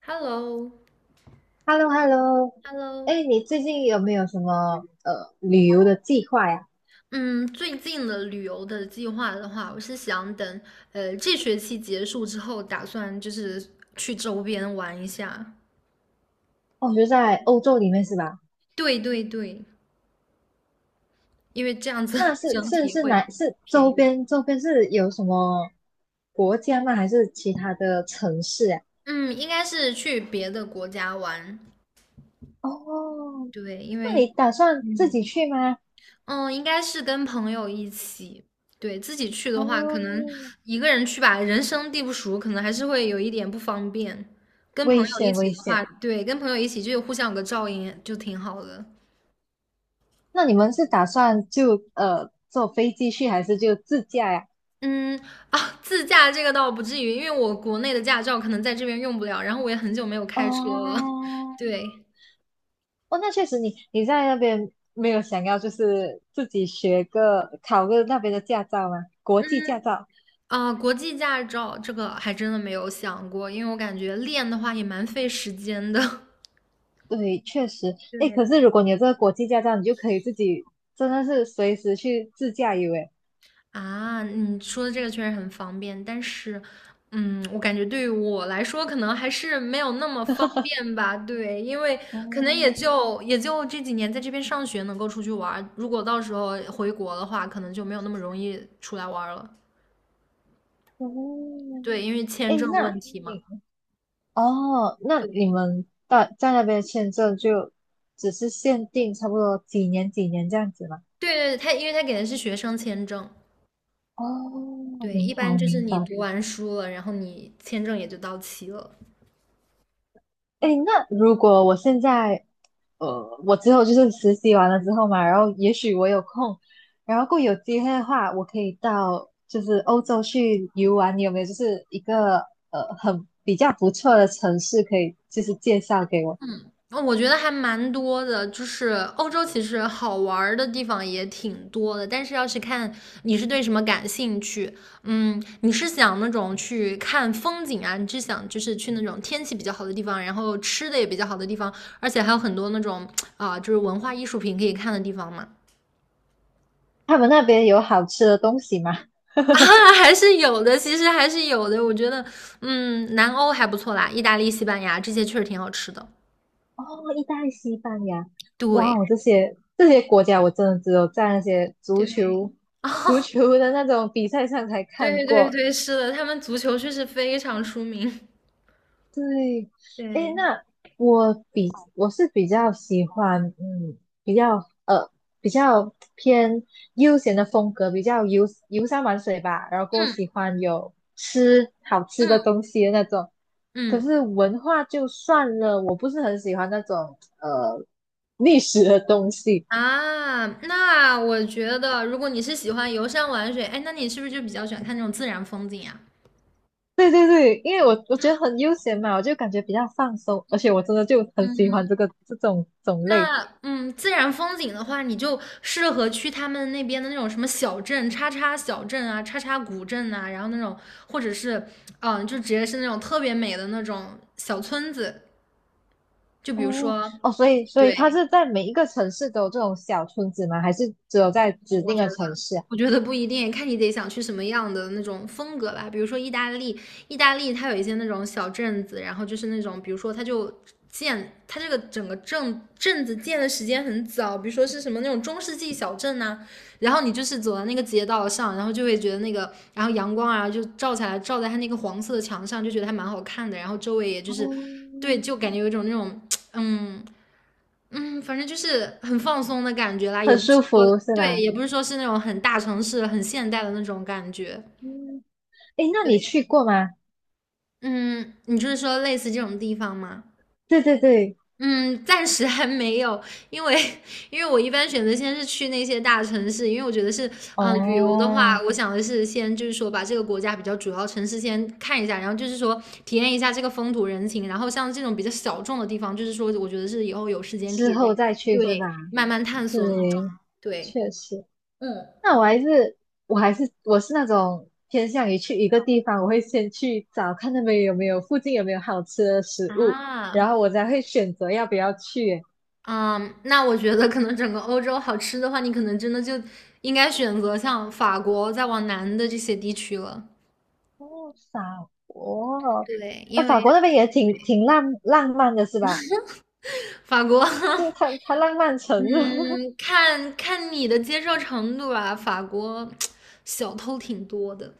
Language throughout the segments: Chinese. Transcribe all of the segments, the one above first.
Hello，Hello，h e l l o h e l l o 哎，你最近有没有什么旅游的计划呀？嗯，最近的旅游的计划的话，我是想等这学期结束之后，打算就是去周边玩一下。哦，就在欧洲里面是吧？对对对，因为这样子 那 是整是体是会哪是便宜周一点。边周边是有什么国家吗？还是其他的城市呀？嗯，应该是去别的国家玩。哦，对，因那为你打算自己嗯，去吗？嗯，应该是跟朋友一起。对，自己去的话，可能哦，一个人去吧，人生地不熟，可能还是会有一点不方便。跟危朋友一险起危的话，险。对，跟朋友一起就互相有个照应，就挺好的。那你们是打算就坐飞机去，还是就自驾呀？嗯自驾这个倒不至于，因为我国内的驾照可能在这边用不了，然后我也很久没有开车了。哦，对，哦，那确实你在那边没有想要就是自己学个考个那边的驾照吗？国际驾照，国际驾照这个还真的没有想过，因为我感觉练的话也蛮费时间的。对，确实。诶，对，可是如果你有这个国际驾照，你就可以自己真的是随时去自驾游，诶。你说的这个确实很方便，但是，我感觉对于我来说，可能还是没有那么方 便吧。对，因为可能也哦，就也就这几年在这边上学能够出去玩儿，如果到时候回国的话，可能就没有那么容易出来玩儿了。哦，对，因为签诶，证问题嘛。你哦，那你们在那边签证就只是限定差不多几年几年这样子吗？对对，因为他给的是学生签证，哦，对，一明般白就是明你白。读完书了，然后你签证也就到期了。哎，那如果我现在，我之后就是实习完了之后嘛，然后也许我有空，然后过有机会的话，我可以到就是欧洲去游玩，你有没有就是一个很比较不错的城市可以就是介绍给我？哦，我觉得还蛮多的，就是欧洲其实好玩的地方也挺多的，但是要是看你是对什么感兴趣，你是想那种去看风景啊，你是想就是去那种天气比较好的地方，然后吃的也比较好的地方，而且还有很多那种就是文化艺术品可以看的地方嘛。他们那边有好吃的东西吗？啊，还是有的，其实还是有的。我觉得，南欧还不错啦，意大利、西班牙这些确实挺好吃的。哦，意大利、西班牙，哇对哦，这些国家我真的只有在那些足对，球 足球的那种比赛上才看对对过。对，是的，他们足球确实非常出名。对，诶，对，那我比我是比较喜欢，比较呃比较偏悠闲的风格，比较游山玩水吧，然后过后喜嗯欢有吃好吃嗯的东西的那种。可嗯，是文化就算了，我不是很喜欢那种历史的东西。啊，那我觉得如果你是喜欢游山玩水，哎，那你是不是就比较喜欢看那种自然风景啊？对对对，因为我觉得很悠闲嘛，我就感觉比较放松，而且我真的就很喜欢嗯，这种种类。那自然风景的话，你就适合去他们那边的那种什么小镇、叉叉小镇啊、叉叉古镇啊，然后那种或者是就直接是那种特别美的那种小村子，就比如哦说，哦，所以它对，是在每一个城市都有这种小村子吗？还是只有在指我定觉的得。城市啊？我觉得不一定，看你得想去什么样的那种风格吧。比如说意大利，意大利它有一些那种小镇子，然后就是那种，比如说它就它这个整个镇子建的时间很早，比如说是什么那种中世纪小镇呐、然后你就是走到那个街道上，然后就会觉得那个，然后阳光啊就照下来，照在它那个黄色的墙上，就觉得还蛮好看的。然后周围也就是，哦，对，就感觉有一种那种，嗯，反正就是很放松的感觉啦，也很不舒是说，服是对，吧？也不是说是那种很大城市、很现代的那种感觉。嗯，诶，那你对，去过吗？嗯，你就是说类似这种地方吗？对对对，嗯，暂时还没有，因为 因为我一般选择先是去那些大城市，因为我觉得是，旅游的话，哦，我想的是先就是说把这个国家比较主要城市先看一下，然后就是说体验一下这个风土人情，然后像这种比较小众的地方，就是说我觉得是以后有时间可之以再后再去是对，吧？慢慢探对，索那种，对。确实。那我是那种偏向于去一个地方，我会先去找看那边有没有附近有没有好吃的食物，啊，然后我才会选择要不要去。嗯，那我觉得可能整个欧洲好吃的话，你可能真的就应该选择像法国再往南的这些地区了。哦，法国，对，因法为 国那边也 对挺浪漫的，是吧？法国，就 它浪漫城是吧 嗯，看看你的接受程度吧。法国 小偷挺多的，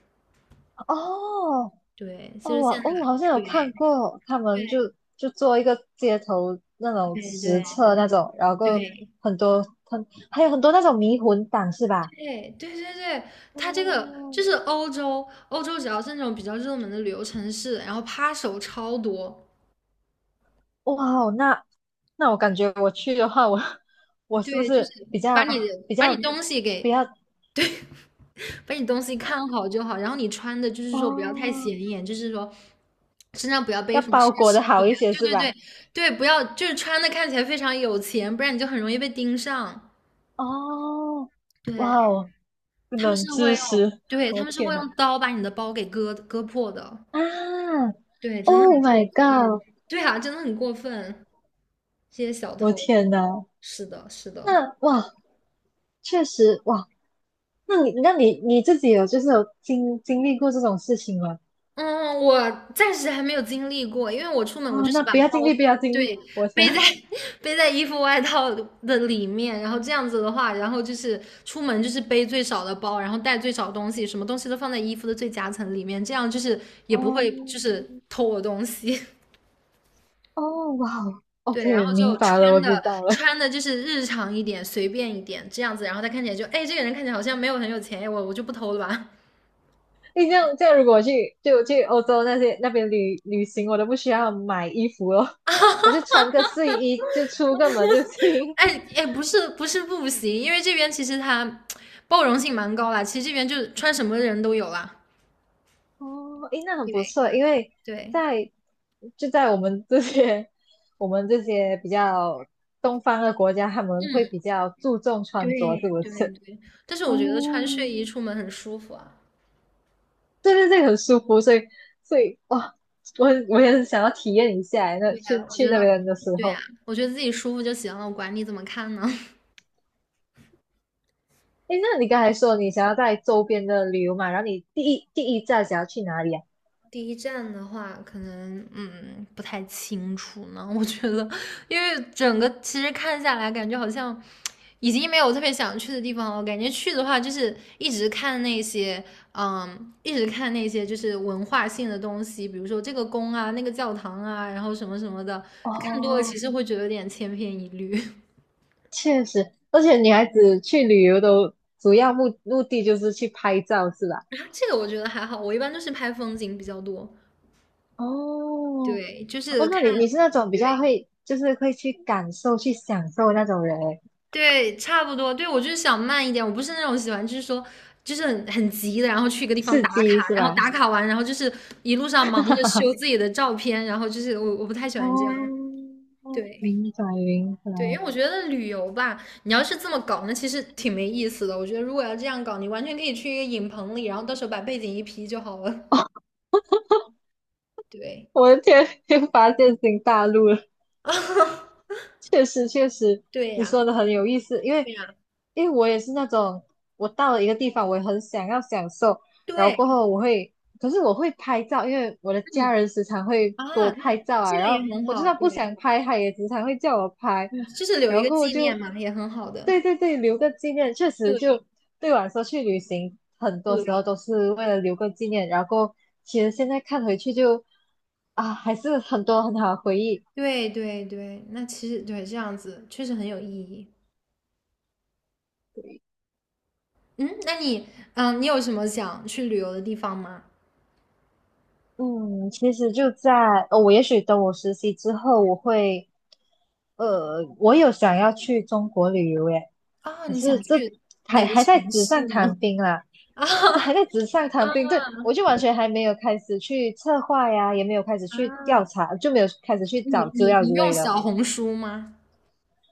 哦对，其哦，实我现在哦我好像有对看对过，他们就做一个街头那种对实对，测那种，然后够对很多很还有很多那种迷魂党是吧？对对对对，它这个就哦，是欧洲只要是那种比较热门的旅游城市，然后扒手超多。哇哦，那我感觉我去的话，我是不对，就是是比把较你的比把较你东西比给较把你东西看好就好，然后你穿的就是说不要太哦，显眼，就是说身上不要背要什么奢包裹的侈品好一啊些对是对吧？对对，不要就是穿的看起来非常有钱，不然你就很容易被盯上。哦，哇对，哦，他们冷是知会用，识，对，我他的们是天会呐！用刀把你的包给割破的。啊对，真的，Oh 很过 my 分。God，对啊，真的很过分，这些小我的偷。天呐！是的，是的。那哇，确实哇，那你自己有就是有经历过这种事情吗？嗯，我暂时还没有经历过，因为我出门我哦，就是那把不要包经历，不要经历，对我天，背在 背在衣服外套的里面，然后这样子的话，然后就是出门就是背最少的包，然后带最少东西，什么东西都放在衣服的最夹层里面，这样就是也不会就哦是偷我东西。哦哇哦对，然，OK，后明就白了，穿我知的道了。穿的就是日常一点，随便一点这样子，然后他看起来就，哎，这个人看起来好像没有很有钱，哎我就不偷了吧。你这样这样，如果我去就去欧洲那边旅行，我都不需要买衣服了，我就穿个睡衣就出个门就行。哎哎，不是不是不行，因为这边其实它包容性蛮高啦，其实这边就穿什么人都有啦。哦，诶，那很不对错，因为对在就在我们这些 我们这些比较东方的国家，他们会嗯，比较注重对穿着，是不对是？对，但是 哦，我觉得穿睡衣出门很舒服啊，对对对，很舒服，所以哇，我也很想要体验一下诶那对去呀，我去觉那得边的时对呀，候，我觉得自己舒服就行了，我管你怎么看呢。诶，那你刚才说你想要在周边的旅游嘛，然后你第一站想要去哪里啊？第一站的话，可能不太清楚呢。我觉得，因为整个其实看下来，感觉好像已经没有特别想去的地方了。我感觉去的话，就是一直看那些就是文化性的东西，比如说这个宫啊、那个教堂啊，然后什么什么的，看多了其哦，实会觉得有点千篇一律。确实，而且女孩子去旅游的主要目的就是去拍照，是吧？然后这个我觉得还好，我一般都是拍风景比较多，哦，对，就哦，是那你看，你是那种比较对。会，就是会去感受、去享受那种人欸，对，差不多。对，我就是想慢一点，我不是那种喜欢，就是说，就是很急的，然后去一个地方刺打激卡，是然后吧？打卡完，然后就是一路上忙着修 自己的照片，然后就是我不太喜欢这样。哦，对明白明白，对，因为我觉得旅游吧，你要是这么搞，那其实挺没意思的。我觉得如果要这样搞，你完全可以去一个影棚里，然后到时候把背景一 P 就好了。对，我的天，又发现新大陆了。确实确实，对你呀，说的很有意思，因为对呀，因为我也是那种，我到了一个地方，我也很想要享受，然后过对，后我会，可是我会拍照，因为我的家嗯人时常会给啊，我那拍照这啊，个然后也很我就好，算不对，想拍，他也时常会叫我拍，嗯就是留然一后个过后纪就，念嘛，也很好的。对对对，留个纪念，确实就对，对我来说去旅行，很多时候对都是为了留个纪念，然后过后其实现在看回去就啊，还是很多很好的回忆。对对对，那其实对这样子确实很有意义。嗯，那你你有什么想去旅游的地方吗？嗯，其实就在我也许等我实习之后，我会，我有想要去中国旅游耶，啊，可你想是这去还哪个还城在纸市上呢？谈兵啦，这还在纸上 谈兵，啊对，我就完全还没有开始去策划呀，也没有开始去调啊，查，就没有开始去找你资你料你之用类的。小红书吗？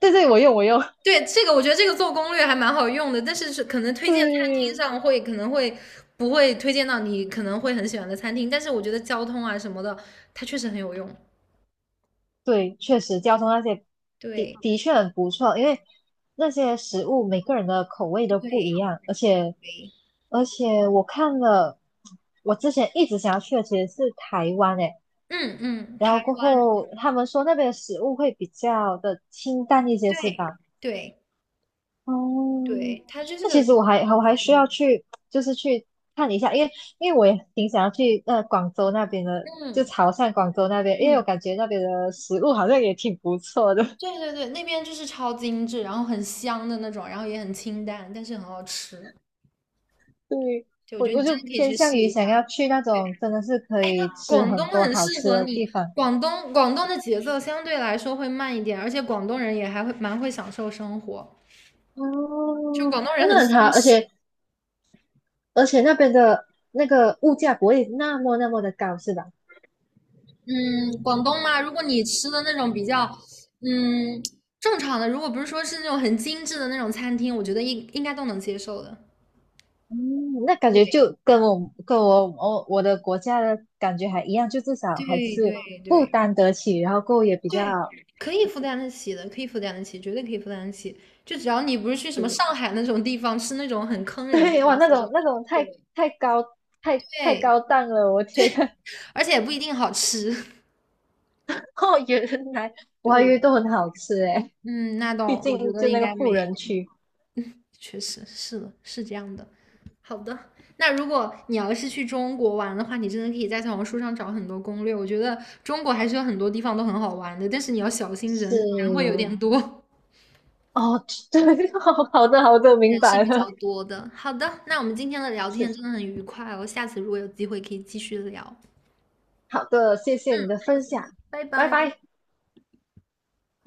对对，我用，对，这个我觉得这个做攻略还蛮好用的，但是是可能 推荐餐厅对上会可能会不会推荐到你可能会很喜欢的餐厅，但是我觉得交通啊什么的，它确实很有用。对，确实交通那些的对的确很不错，因为那些食物每个人的口味都不对一样，而且对，而且我看了，我之前一直想要去的其实是台湾诶，嗯嗯，然台后过湾，后他们说那边的食物会比较的清淡一些，对是吧？对。哦，对，它就是，那其实我还需要去，就是去看一下，因为我也挺想要去广州那边的，就嗯潮汕广州那边，因为我嗯，感觉那边的食物好像也挺不错的。对对对，那边就是超精致，然后很香的那种，然后也很清淡，但是很好吃。对，就我我觉得你我真就的可以偏去向试于一想下，要去那种真的是可以吃广东很多很好适吃合的你。地方。广东的节奏相对来说会慢一点，而且广东人也还会蛮会享受生活，哦，就广东诶人很那松很好，而弛。且而且那边的那个物价不会那么那么的高，是吧？嗯，广东嘛，如果你吃的那种比较，嗯，正常的，如果不是说是那种很精致的那种餐厅，我觉得应该都能接受的。嗯，那感觉对就跟我的国家的感觉还一样，就至少还对是对负对。担得起，然后过后也比对，较可以负担得起的，可以负担得起，绝对可以负担得起。就只要你不是去什么对 上海那种地方吃那种很坑 人的对哇，东那西就种那好种对，太太高太太对，高档了，我天呐！而且也不一定好吃。哦，原来我还以对，为都很好吃诶。嗯，那毕倒我觉竟，得就应那个该富没，人区确实是的，是这样的。好的，那如果你要是去中国玩的话，你真的可以在小红书上找很多攻略。我觉得中国还是有很多地方都很好玩的，但是你要小心人，是人会有点多。哦，对，好好的好的，明人是白比较了，多的。好的，那我们今天的聊天是真的很愉快哦，下次如果有机会可以继续聊。好的，谢谢嗯，你的好分享，的。拜拜。